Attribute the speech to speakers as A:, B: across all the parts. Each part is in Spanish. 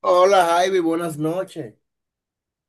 A: Hola Javi, buenas noches.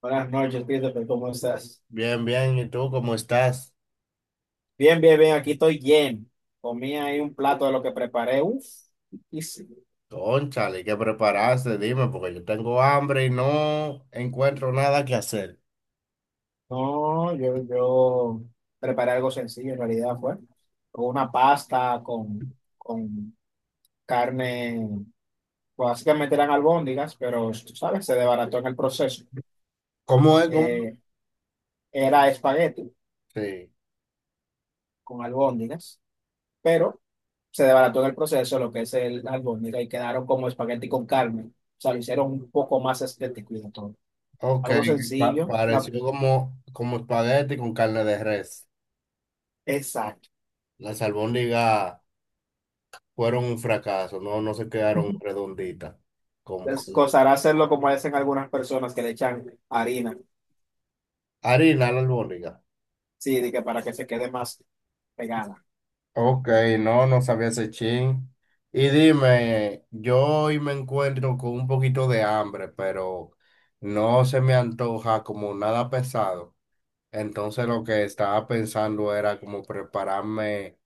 B: Buenas noches, Christopher, ¿cómo estás?
A: Bien, bien, ¿y tú cómo estás?
B: Bien, bien, bien, aquí estoy lleno. Comí ahí un plato de lo que preparé. Uf, y sí.
A: Cónchale, ¿qué preparaste? Dime, porque yo tengo hambre y no encuentro nada que hacer.
B: No, yo preparé algo sencillo en realidad, fue con una pasta, con carne, pues, básicamente eran albóndigas, pero tú sabes, se desbarató en el proceso.
A: ¿Cómo es? ¿Cómo?
B: Eh, Era espagueti
A: Sí,
B: con albóndigas, pero se desbarató en el proceso lo que es el albóndiga y quedaron como espagueti con carne. O sea, lo hicieron un poco más estético y de todo.
A: ok,
B: Algo sencillo.
A: pareció como, como espagueti con carne de res.
B: Exacto.
A: Las albóndigas fueron un fracaso, no, no se quedaron redonditas, como,
B: Les
A: como
B: costará hacerlo como hacen algunas personas que le echan harina.
A: harina la albóndiga.
B: Sí, de que para que se quede más pegada.
A: Ok, no, no sabía ese chin. Y dime, yo hoy me encuentro con un poquito de hambre, pero no se me antoja como nada pesado. Entonces lo que estaba pensando era como prepararme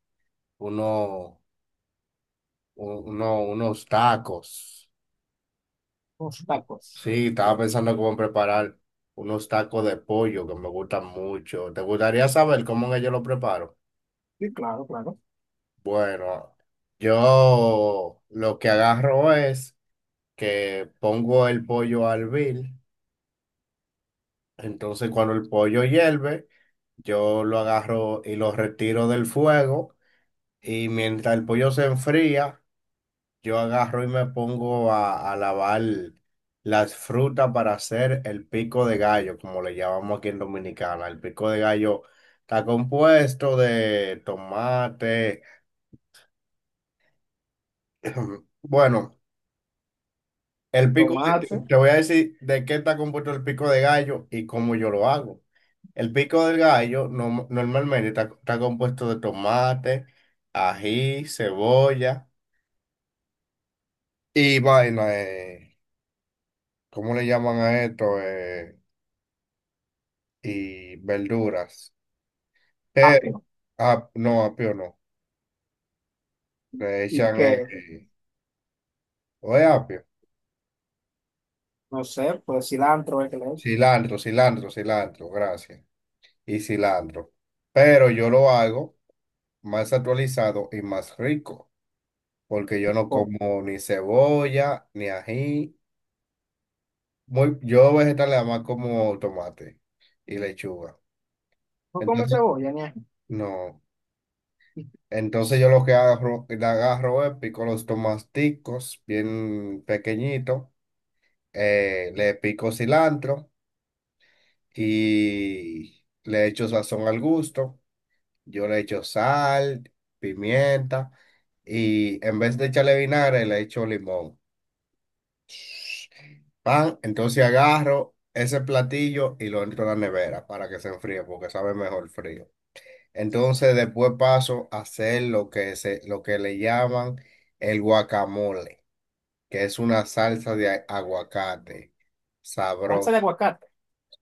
A: uno, unos tacos.
B: Los tacos.
A: Sí, estaba pensando como preparar unos tacos de pollo que me gustan mucho. ¿Te gustaría saber cómo es que yo lo preparo?
B: Sí, claro, claro.
A: Bueno, yo lo que agarro es... que pongo el pollo al vil. Entonces, cuando el pollo hierve, yo lo agarro y lo retiro del fuego. Y mientras el pollo se enfría, yo agarro y me pongo a lavar las frutas para hacer el pico de gallo, como le llamamos aquí en Dominicana. El pico de gallo está compuesto de tomate. Bueno, te
B: Tomate,
A: voy a decir de qué está compuesto el pico de gallo y cómo yo lo hago. El pico del gallo normalmente está compuesto de tomate, ají, cebolla y vaina, ¿cómo le llaman a esto? Y verduras. Pero,
B: apio.
A: ah, no, apio no. Le
B: Y
A: echan,
B: que,
A: ¿o es apio?
B: no sé, pues cilantro, el que le eche.
A: Cilantro, cilantro, cilantro, gracias. Y cilantro. Pero yo lo hago más actualizado y más rico, porque yo no
B: Pon.
A: como ni cebolla, ni ají. Muy, yo vegetal le más como tomate y lechuga.
B: No come
A: Entonces,
B: cebolla ni ají.
A: no. Entonces yo lo que agarro, le agarro es pico los tomaticos bien pequeñitos, le pico cilantro y le echo sazón al gusto. Yo le echo sal, pimienta y en vez de echarle vinagre le echo limón. Pan, entonces agarro ese platillo y lo entro a la nevera para que se enfríe porque sabe mejor frío. Entonces después paso a hacer lo que le llaman el guacamole, que es una salsa de aguacate,
B: Salsa de
A: sabroso,
B: aguacate.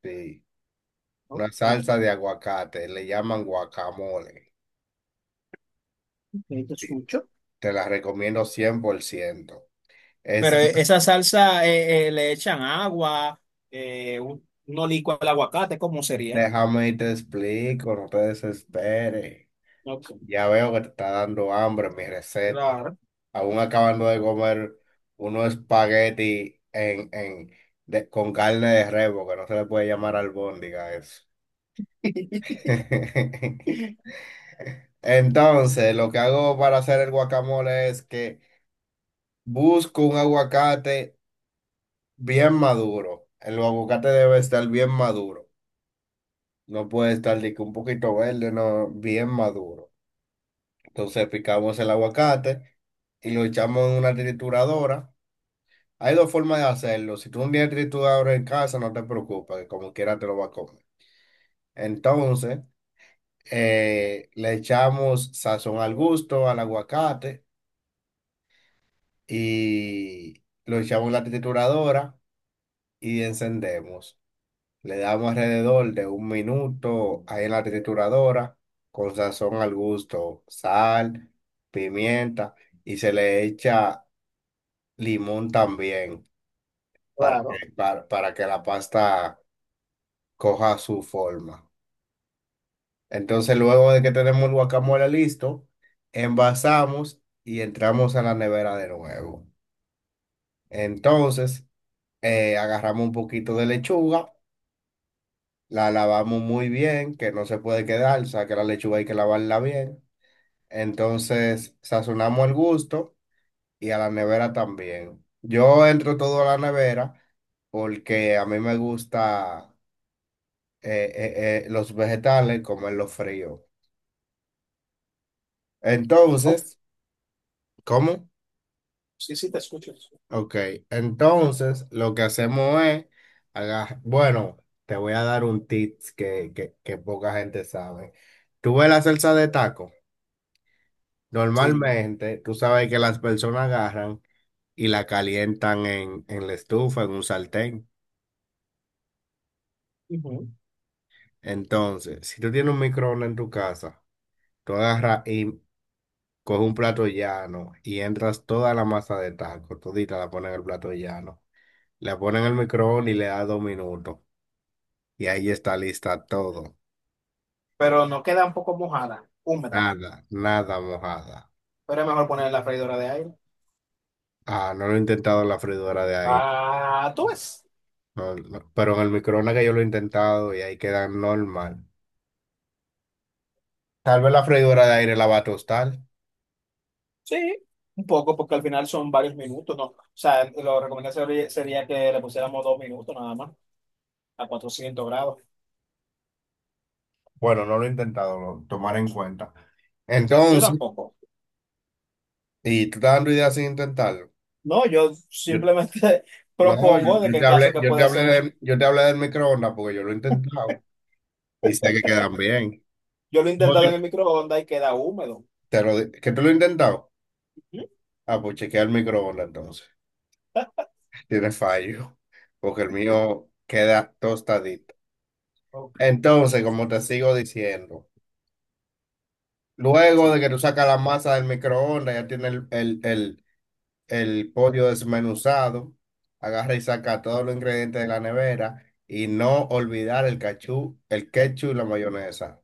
A: sí.
B: Ok,
A: Una
B: ok,
A: salsa de aguacate, le llaman guacamole.
B: te
A: Sí.
B: escucho.
A: Te la recomiendo cien por ciento.
B: Pero
A: Esa,
B: esa salsa le echan agua, uno licua el aguacate, ¿cómo sería?
A: déjame y te explico, no te desesperes.
B: Ok,
A: Ya veo que te está dando hambre mi receta.
B: claro,
A: Aún acabando de comer unos espagueti con carne de rebo, que no se le puede llamar albóndiga a eso. Entonces, lo que hago para hacer el guacamole es que busco un aguacate bien maduro. El aguacate debe estar bien maduro. No puede estar de que un poquito verde, no, bien maduro. Entonces picamos el aguacate y lo echamos en una trituradora. Hay dos formas de hacerlo. Si tú un día tú en casa, no te preocupes, que como quiera te lo va a comer. Entonces, le echamos sazón al gusto, al aguacate, y lo echamos en la trituradora y encendemos. Le damos alrededor de un minuto ahí en la trituradora, con sazón al gusto, sal, pimienta, y se le echa limón también para
B: claro.
A: que, para que la pasta coja su forma. Entonces, luego de que tenemos el guacamole listo, envasamos y entramos a la nevera de nuevo. Entonces, agarramos un poquito de lechuga, la lavamos muy bien, que no se puede quedar, o sea que la lechuga hay que lavarla bien. Entonces, sazonamos al gusto y a la nevera también. Yo entro todo a la nevera porque a mí me gusta los vegetales comerlos fríos.
B: Oh,
A: Entonces, ¿cómo?
B: sí, sí, te escucho.
A: Ok, entonces lo que hacemos es, bueno, te voy a dar un tips que poca gente sabe. Tú ves la salsa de taco,
B: Sí.
A: normalmente tú sabes que las personas agarran y la calientan en la estufa, en un sartén.
B: Ujú.
A: Entonces, si tú tienes un microondas en tu casa, tú agarras y coges un plato llano y entras toda la masa de taco, todita la pones en el plato llano, la pones en el microondas y le das dos minutos. Y ahí está lista todo.
B: ¿Pero no queda un poco mojada, húmeda?
A: Nada, nada mojada.
B: Pero es mejor poner en la freidora de aire.
A: Ah, no lo he intentado en la freidora de aire.
B: Ah, tú ves.
A: No, no, pero en el microondas que yo lo he intentado y ahí queda normal. Tal vez la freidora de aire la va a tostar.
B: Sí, un poco, porque al final son varios minutos, ¿no? O sea, lo recomendable sería, sería que le pusiéramos 2 minutos nada más, a 400 grados.
A: Bueno, no lo he intentado, lo tomaré en cuenta.
B: Yo
A: Entonces,
B: tampoco.
A: ¿y tú estás dando ideas sin intentarlo?
B: No, yo
A: Yo,
B: simplemente
A: no,
B: propongo de
A: yo
B: que
A: te
B: en
A: hablé,
B: caso que puede ser.
A: yo te hablé del microondas porque yo lo he intentado y sé que quedan bien.
B: Yo lo he
A: No,
B: intentado en el microondas y queda húmedo.
A: ¿Que tú lo has intentado?
B: ¿Mm?
A: Ah, pues chequea el microondas entonces. Tiene fallo, porque el mío queda tostadito.
B: Ok,
A: Entonces, como te sigo diciendo, luego
B: sí.
A: de que tú sacas la masa del microondas, ya tienes el pollo desmenuzado, agarra y saca todos los ingredientes de la nevera y no olvidar el cachú, el ketchup y la mayonesa.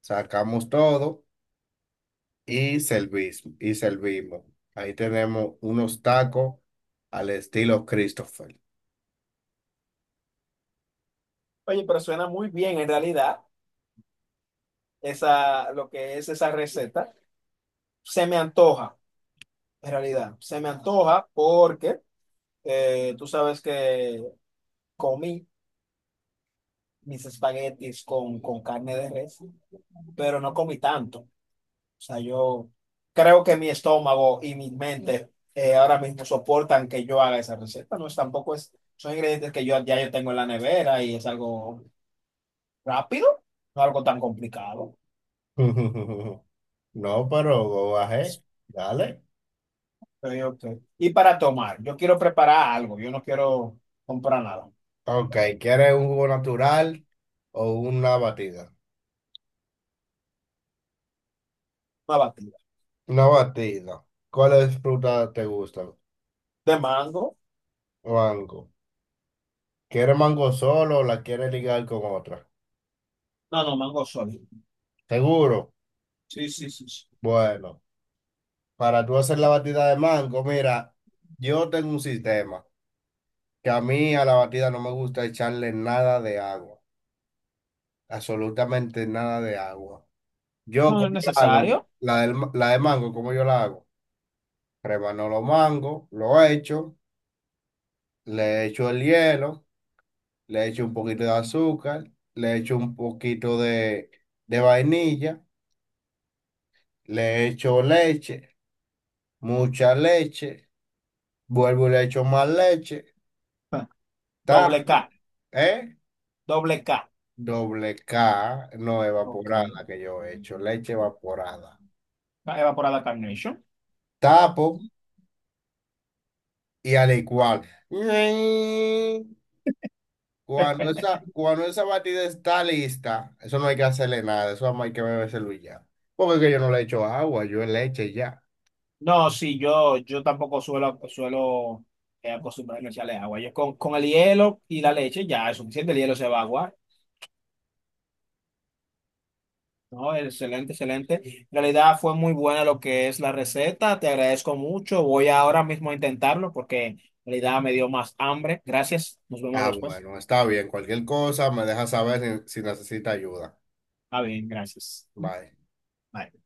A: Sacamos todo y y servimos. Ahí tenemos unos tacos al estilo Christopher.
B: Oye, pero suena muy bien en realidad esa, lo que es esa receta. Se me antoja, en realidad. Se me antoja porque tú sabes que comí mis espaguetis con carne de res, pero no comí tanto. O sea, yo creo que mi estómago y mi mente ahora mismo soportan que yo haga esa receta. No es, tampoco es, son ingredientes que yo ya yo tengo en la nevera y es algo rápido, no algo tan complicado.
A: No, pero go ahead, dale.
B: Ok, ok. Y para tomar, yo quiero preparar algo, yo no quiero comprar nada.
A: Ok, ¿quieres un jugo natural o una batida?
B: Una batida.
A: Una batida. ¿Cuáles frutas te gustan?
B: ¿De mango?
A: Mango. ¿Quieres mango solo o la quieres ligar con otra?
B: No, no, mango sólido.
A: ¿Seguro?
B: Sí, sí, sí, sí.
A: Bueno, para tú hacer la batida de mango, mira, yo tengo un sistema que a mí a la batida no me gusta echarle nada de agua, absolutamente nada de agua. Yo,
B: No, no
A: ¿cómo
B: es
A: la hago?
B: necesario.
A: La de mango, ¿cómo yo la hago? Remano los mangos, lo echo, le echo el hielo. Le echo un poquito de azúcar, le echo un poquito de vainilla, le echo leche, mucha leche, vuelvo y le echo más leche,
B: Ah, Doble
A: ta,
B: K,
A: ¿eh?
B: doble K.
A: Doble K, no
B: Ok.
A: evaporada que yo he hecho, leche evaporada.
B: Ah, Evaporada Carnation.
A: Tapo y al igual. Cuando esa batida está lista, eso no hay que hacerle nada, eso nada más hay que bebérselo y ya. Porque es que yo no le echo agua, yo leche y ya.
B: No, sí, yo tampoco suelo, suelo acostumbrarme a echarle agua. Yo con el hielo y la leche ya es suficiente, el hielo se va a aguar. No, excelente, excelente. En realidad fue muy buena lo que es la receta. Te agradezco mucho. Voy ahora mismo a intentarlo porque en realidad me dio más hambre. Gracias. Nos vemos
A: Ah,
B: después.
A: bueno, está bien. Cualquier cosa me deja saber si necesita ayuda.
B: Ah, bien, gracias.
A: Bye.
B: Bye.